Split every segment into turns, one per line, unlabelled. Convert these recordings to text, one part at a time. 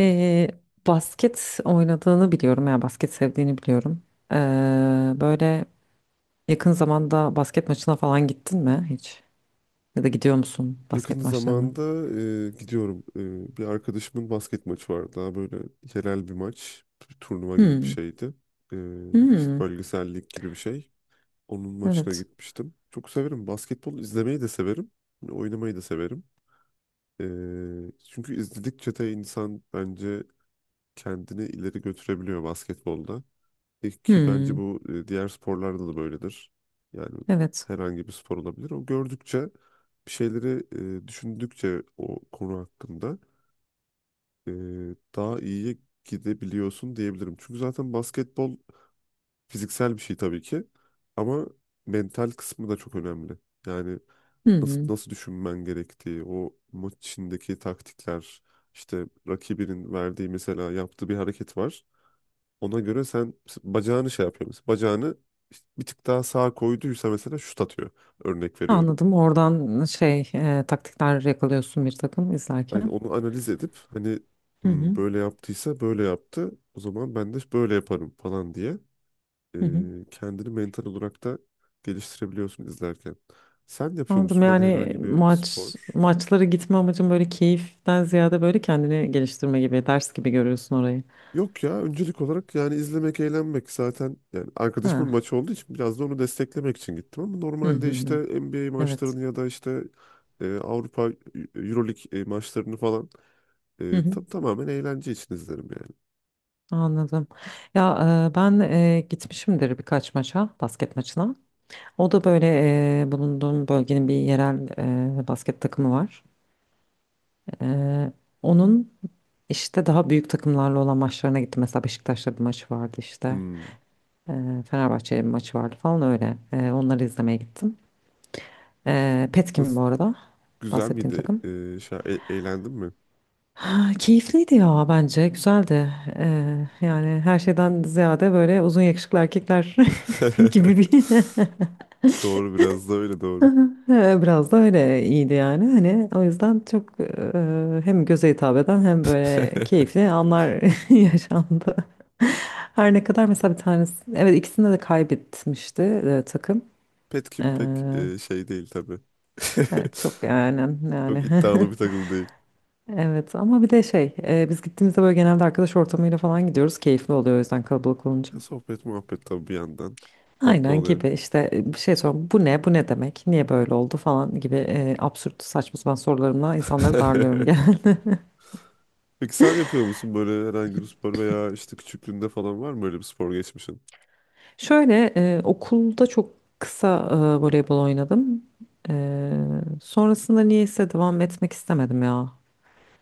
Ee, basket oynadığını biliyorum ya basket sevdiğini biliyorum. Böyle yakın zamanda basket maçına falan gittin mi hiç? Ya da gidiyor musun
Yakın
basket maçlarına?
zamanda gidiyorum. Bir arkadaşımın basket maçı vardı. Daha böyle yerel bir maç. Bir turnuva gibi bir
Hmm,
şeydi. E, işte
hmm,
bölgesel lig gibi bir şey. Onun maçına
evet.
gitmiştim. Çok severim. Basketbol izlemeyi de severim. Hani oynamayı da severim. E, Çünkü izledikçe de insan bence kendini ileri götürebiliyor basketbolda. Ki bence
Hmm,
bu diğer sporlarda da böyledir. Yani
evet.
herhangi bir spor olabilir. O gördükçe bir şeyleri düşündükçe o konu hakkında e, daha iyiye gidebiliyorsun diyebilirim. Çünkü zaten basketbol fiziksel bir şey tabii ki ama mental kısmı da çok önemli. Yani nasıl
Hmm.
nasıl düşünmen gerektiği, o maç içindeki taktikler, işte rakibinin verdiği, mesela yaptığı bir hareket var. Ona göre sen, bacağını şey yapıyor. Mesela bacağını işte bir tık daha sağa koyduysa mesela şut atıyor. Örnek veriyorum.
Anladım. Oradan şey taktikler yakalıyorsun bir takım
Hani
izlerken.
onu analiz edip hani,
Hı
"Hmm,
hı,
böyle yaptıysa böyle yaptı. O zaman ben de böyle yaparım," falan diye e,
hı hı.
kendini mental olarak da geliştirebiliyorsun izlerken. Sen yapıyor
Anladım.
musun böyle
Yani
herhangi bir spor?
maçlara gitme amacın böyle keyiften ziyade böyle kendini geliştirme gibi, ders gibi görüyorsun orayı.
Yok ya, öncelik olarak yani izlemek, eğlenmek. Zaten yani arkadaşımın
Ha.
maçı olduğu için biraz da onu desteklemek için gittim, ama
Hı
normalde
hı
işte
hı.
NBA
Evet.
maçlarını ya da işte Avrupa Euroleague maçlarını falan
Hı hı.
tamamen eğlence için izlerim yani.
Anladım. Ya ben gitmişimdir birkaç maça, basket maçına. O da böyle bulunduğum bölgenin bir yerel basket takımı var. E, Onun işte daha büyük takımlarla olan maçlarına gittim. Mesela Beşiktaş'la bir maçı vardı işte.
Hmm.
E, Fenerbahçe'yle bir maçı vardı falan öyle. Onları izlemeye gittim. E, Petkim
Nasıl,
bu arada
güzel
bahsettiğim
miydi?
takım.
Şey, eğlendin mi?
Ha, keyifliydi ya bence güzeldi. Yani her şeyden ziyade böyle uzun yakışıklı erkekler gibi bir
Doğru, biraz da öyle, doğru.
Biraz da öyle iyiydi yani hani o yüzden çok hem göze hitap eden hem böyle keyifli anlar yaşandı. Her ne kadar mesela bir tanesi evet ikisinde de kaybetmişti takım. Ee,
Petkim pek şey değil tabii.
evet çok yani,
Çok
yani
iddialı bir takım.
Evet ama bir de şey biz gittiğimizde böyle genelde arkadaş ortamıyla falan gidiyoruz keyifli oluyor o yüzden kalabalık olunca.
Sohbet muhabbet tabii bir yandan. Tatlı
Aynen
oluyor.
gibi işte bir şey sorun bu ne bu ne demek niye böyle oldu falan gibi absürt saçma sapan sorularımla insanları darlıyorum gene.
Peki sen yapıyor musun böyle herhangi bir spor, veya işte küçüklüğünde falan var mı öyle bir spor geçmişin?
Şöyle okulda çok kısa voleybol oynadım. E, Sonrasında niyeyse devam etmek istemedim ya.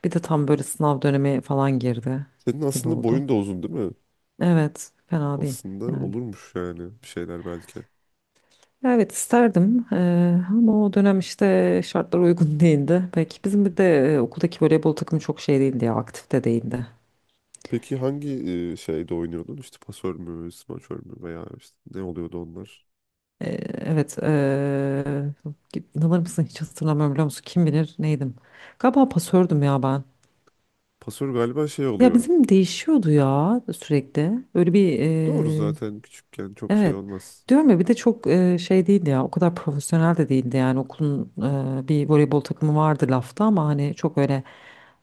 Bir de tam böyle sınav dönemi falan girdi
Senin
gibi
aslında
oldu.
boyun da uzun değil mi?
Evet fena değil
Aslında
yani.
olurmuş yani, bir şeyler belki.
Evet isterdim ama o dönem işte şartlar uygun değildi. Belki bizim bir de okuldaki voleybol takımı çok şey değildi ya aktif de değildi.
Peki hangi şeyde oynuyordun? İşte pasör mü, smaçör mü, veya işte ne oluyordu onlar?
Evet. İnanır mısın hiç hatırlamıyorum biliyor musun? Kim bilir neydim? Galiba pasördüm ya ben.
Pasör galiba şey
Ya
oluyor.
bizim değişiyordu ya sürekli. Öyle bir
Doğru, zaten küçükken çok şey
evet.
olmaz.
Diyorum ya bir de çok şey değildi ya. O kadar profesyonel de değildi yani. Okulun bir voleybol takımı vardı lafta ama hani çok öyle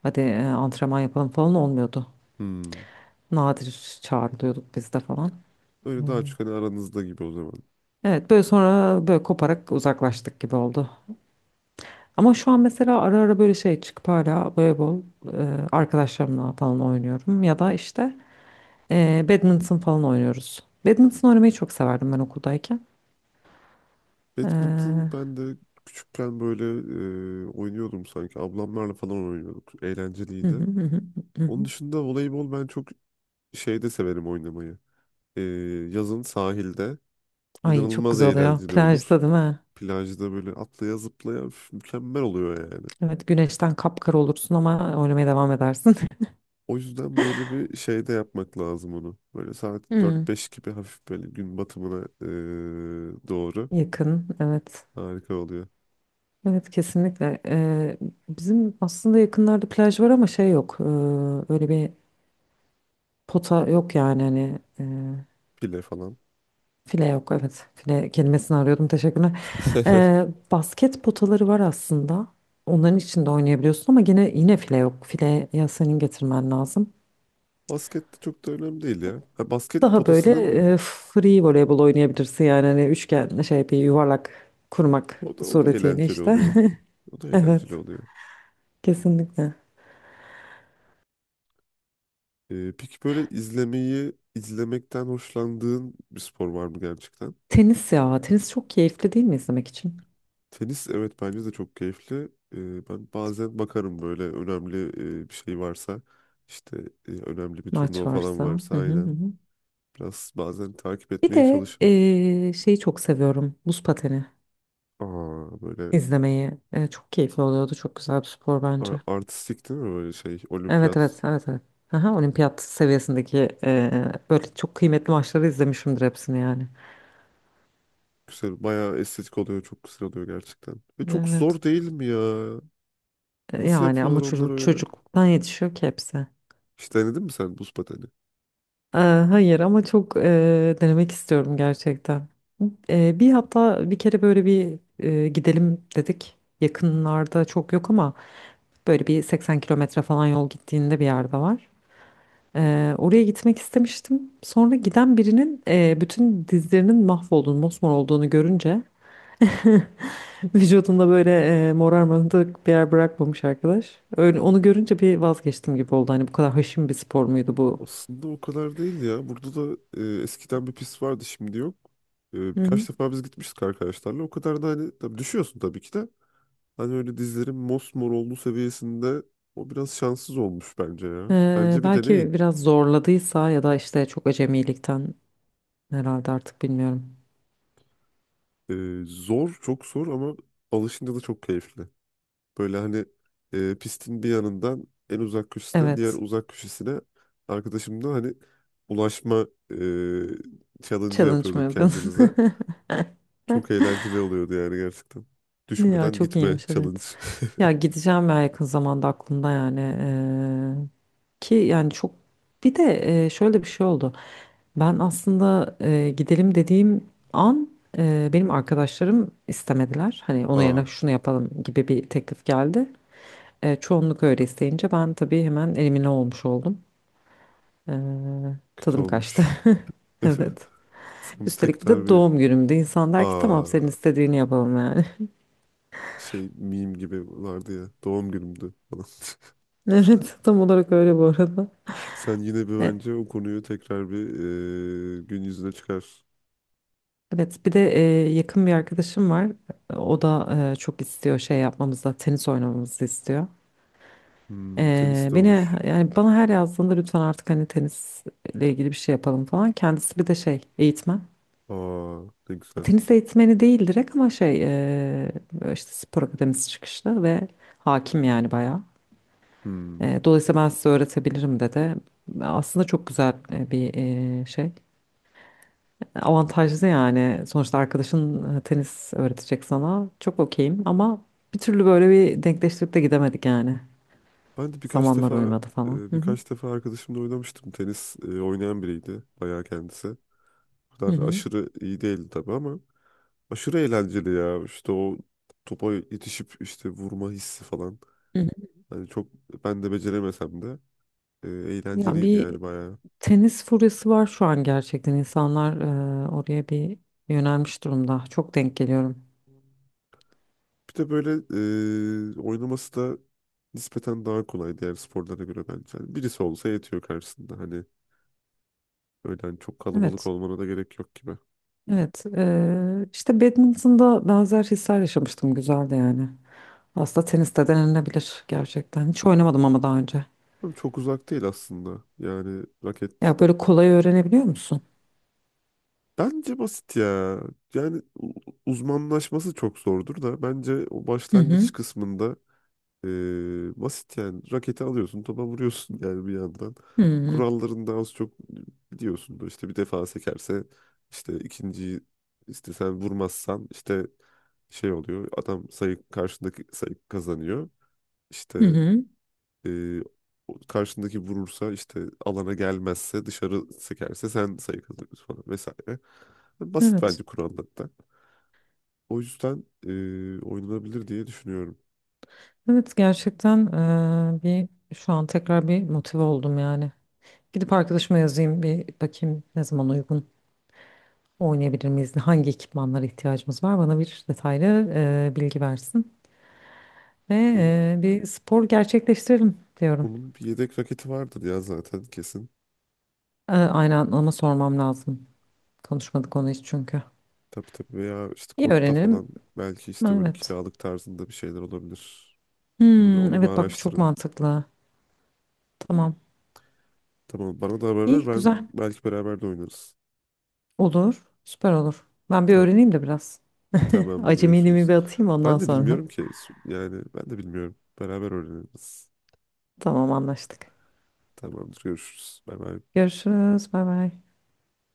hadi antrenman yapalım falan olmuyordu.
Hmm.
Nadir çağrılıyorduk biz de falan.
Öyle daha çok hani aranızda gibi o zaman.
Evet böyle sonra böyle koparak uzaklaştık gibi oldu. Ama şu an mesela ara ara böyle şey çıkıp hala voleybol e, arkadaşlarımla falan oynuyorum. Ya da işte badminton falan oynuyoruz. Badminton oynamayı çok severdim ben okuldayken.
Badminton
Hı
ben de küçükken böyle oynuyordum sanki. Ablamlarla falan oynuyorduk.
hı
Eğlenceliydi.
hı, hı hı
Onun
hı.
dışında voleybol ben çok şeyde severim oynamayı. E, Yazın sahilde
Ay çok
inanılmaz
güzel oluyor.
eğlenceli olur.
Plajda değil mi?
Plajda böyle atlaya zıplaya, üf, mükemmel oluyor yani.
Evet güneşten kapkara olursun ama oynamaya devam edersin.
O yüzden böyle bir şeyde yapmak lazım onu. Böyle saat
Hmm,
dört beş gibi hafif, böyle gün batımına doğru
yakın evet.
harika oluyor.
Evet kesinlikle. Bizim aslında yakınlarda plaj var ama şey yok. Öyle bir pota yok yani hani.
Pile falan.
File yok evet. File kelimesini arıyordum teşekkürler. Ee, Basket potaları var aslında. Onların içinde oynayabiliyorsun ama yine file yok. File ya senin getirmen lazım.
Basket de çok da önemli değil ya. Ha, basket
Daha böyle
potasının.
free voleybol oynayabilirsin yani hani üçgen şey bir yuvarlak kurmak
O da, o da
suretiyle
eğlenceli
işte.
oluyor. O da eğlenceli
Evet
oluyor.
kesinlikle.
Peki böyle izlemeyi, izlemekten hoşlandığın bir spor var mı gerçekten?
Tenis ya tenis çok keyifli değil mi izlemek için?
Tenis, evet, bence de çok keyifli. Ben bazen bakarım böyle önemli bir şey varsa, işte önemli bir
Maç
turnuva falan
varsa.
varsa,
Hı hı hı,
aynen
hı.
biraz bazen takip
Bir
etmeye
de
çalışırım.
şeyi çok seviyorum, buz pateni.
Aa böyle,
İzlemeyi, çok keyifli oluyordu. Çok güzel bir spor bence.
artistik değil mi böyle şey
Evet,
olimpiyat.
evet, evet, evet. Aha, olimpiyat seviyesindeki böyle çok kıymetli maçları izlemişimdir hepsini yani.
Güzel, bayağı estetik oluyor, çok güzel oluyor gerçekten. Ve çok
Evet.
zor değil mi ya? Nasıl
Yani
yapıyorlar
ama
onları öyle?
çocukluktan yetişiyor ki hepsi.
Hiç denedin mi sen buz pateni?
E, hayır ama çok denemek istiyorum gerçekten. E, bir Hatta bir kere böyle bir gidelim dedik. Yakınlarda çok yok ama böyle bir 80 kilometre falan yol gittiğinde bir yerde var. Oraya gitmek istemiştim. Sonra giden birinin bütün dizlerinin mahvolduğunu, mosmor olduğunu görünce vücudunda böyle morarmadık bir yer bırakmamış arkadaş. Öyle, onu görünce bir vazgeçtim gibi oldu. Hani bu kadar haşin bir spor muydu bu?
Aslında o kadar değil ya. Burada da eskiden bir pist vardı, şimdi yok.
Hı hı.
Birkaç defa biz gitmiştik arkadaşlarla. O kadar da, hani tabii düşüyorsun tabii ki de. Hani öyle dizlerin mosmor olduğu seviyesinde, o biraz şanssız olmuş bence ya. Bence bir
Belki
deneyin.
biraz zorladıysa ya da işte çok acemilikten herhalde artık bilmiyorum.
E, Zor, çok zor, ama alışınca da çok keyifli. Böyle hani pistin bir yanından, en uzak köşesinden diğer
Evet.
uzak köşesine arkadaşımla hani ulaşma challenge
Challenge mı
yapıyorduk
yapıyorsun?
kendimize. Çok eğlenceli oluyordu yani, gerçekten.
Ya
Düşmeden
çok
gitme
iyiymiş,
challenge.
evet. Ya gideceğim ya, yakın zamanda aklımda yani. Ki yani çok, bir de şöyle bir şey oldu. Ben aslında gidelim dediğim an benim arkadaşlarım istemediler. Hani onun yerine
Aa,
şunu yapalım gibi bir teklif geldi. Çoğunluk öyle isteyince ben tabii hemen elimine olmuş oldum. E,
kötü
Tadım kaçtı.
olmuş.
Evet.
Sen bir
Üstelik bir
tekrar
de
bir,
doğum günümde insan der ki
aa,
tamam senin istediğini yapalım yani.
şey, meme gibi vardı ya, doğum günümdü falan.
Evet tam olarak öyle bu arada.
Sen yine bir, bence o konuyu tekrar bir gün yüzüne çıkar.
Evet, bir de yakın bir arkadaşım var. O da çok istiyor şey yapmamızı, tenis oynamamızı istiyor.
Hmm, tenis de
Beni,
olur.
yani bana her yazdığında lütfen artık hani tenisle ilgili bir şey yapalım falan. Kendisi bir de şey, eğitmen.
Aa, ne güzel.
Tenis eğitmeni değil direkt ama şey böyle işte spor akademisi çıkışlı ve hakim yani bayağı.
Hmm.
Dolayısıyla ben size öğretebilirim dedi. Aslında çok güzel şey. Avantajlı yani. Sonuçta arkadaşın tenis öğretecek sana. Çok okeyim ama bir türlü böyle bir denkleştirip de gidemedik yani.
Ben de birkaç
Zamanlar
defa
uymadı falan.
eee,
Hı hı.
birkaç defa arkadaşımla oynamıştım. Tenis oynayan biriydi bayağı kendisi. O
Hı
kadar
hı.
aşırı iyi değildi tabii, ama aşırı eğlenceli ya. İşte o topa yetişip işte vurma hissi falan.
Hı hı.
Hani çok, ben de beceremesem de
Ya
eğlenceliydi
bir
yani bayağı.
tenis furyası var şu an gerçekten. İnsanlar oraya bir yönelmiş durumda. Çok denk geliyorum.
Bir de böyle oynaması da nispeten daha kolay diğer sporlara göre bence. Hani birisi olsa yetiyor karşısında. Hani öyle, hani çok kalabalık
Evet.
olmana da gerek yok gibi.
Evet. İşte badminton'da benzer hisler yaşamıştım. Güzeldi yani. Aslında tenis de denenebilir gerçekten. Hiç oynamadım ama daha önce.
Ama çok uzak değil aslında. Yani raket
Ya böyle kolay öğrenebiliyor musun?
bence basit ya. Yani, uzmanlaşması çok zordur da, bence o
Hı
başlangıç
hı.
kısmında basit yani. Raketi alıyorsun, topa vuruyorsun yani bir yandan.
Hmm,
Kurallarını da az çok biliyorsundur. İşte bir defa sekerse, işte ikinciyi işte sen vurmazsan, işte şey oluyor. Adam sayı, karşındaki sayı kazanıyor.
hı
İşte
hı.
e, o, karşındaki vurursa, işte alana gelmezse, dışarı sekerse, sen sayı kazanıyorsun falan vesaire. Basit
Evet.
bence kurallar da. O yüzden oynanabilir diye düşünüyorum.
Evet gerçekten eee, bir şu an tekrar bir motive oldum yani. Gidip arkadaşıma yazayım bir bakayım ne zaman uygun oynayabilir miyiz? Hangi ekipmanlara ihtiyacımız var? Bana bir detaylı bilgi versin. Ve
Onu
bir spor gerçekleştirelim diyorum.
Onun bir yedek raketi vardır ya zaten, kesin.
Aynen ama sormam lazım. Konuşmadık onu hiç çünkü.
Tabii tabii, veya işte
İyi
kort'ta falan
öğrenirim.
belki işte böyle
Evet.
kiralık tarzında bir şeyler olabilir. Bunu bir,
Hmm,
onu bir
evet bak bu çok
araştırın.
mantıklı. Tamam.
Tamam, bana da haber ver,
İyi
ben
güzel.
belki beraber de oynarız.
Olur. Süper olur. Ben bir
Tamam,
öğreneyim de biraz.
tamamdır,
Acemiliğimi
görüşürüz.
bir atayım ondan
Ben de
sonra.
bilmiyorum ki, yani ben de bilmiyorum. Beraber öğreniriz.
Tamam anlaştık.
Tamamdır, görüşürüz. Bay bay.
Görüşürüz. Bay bay.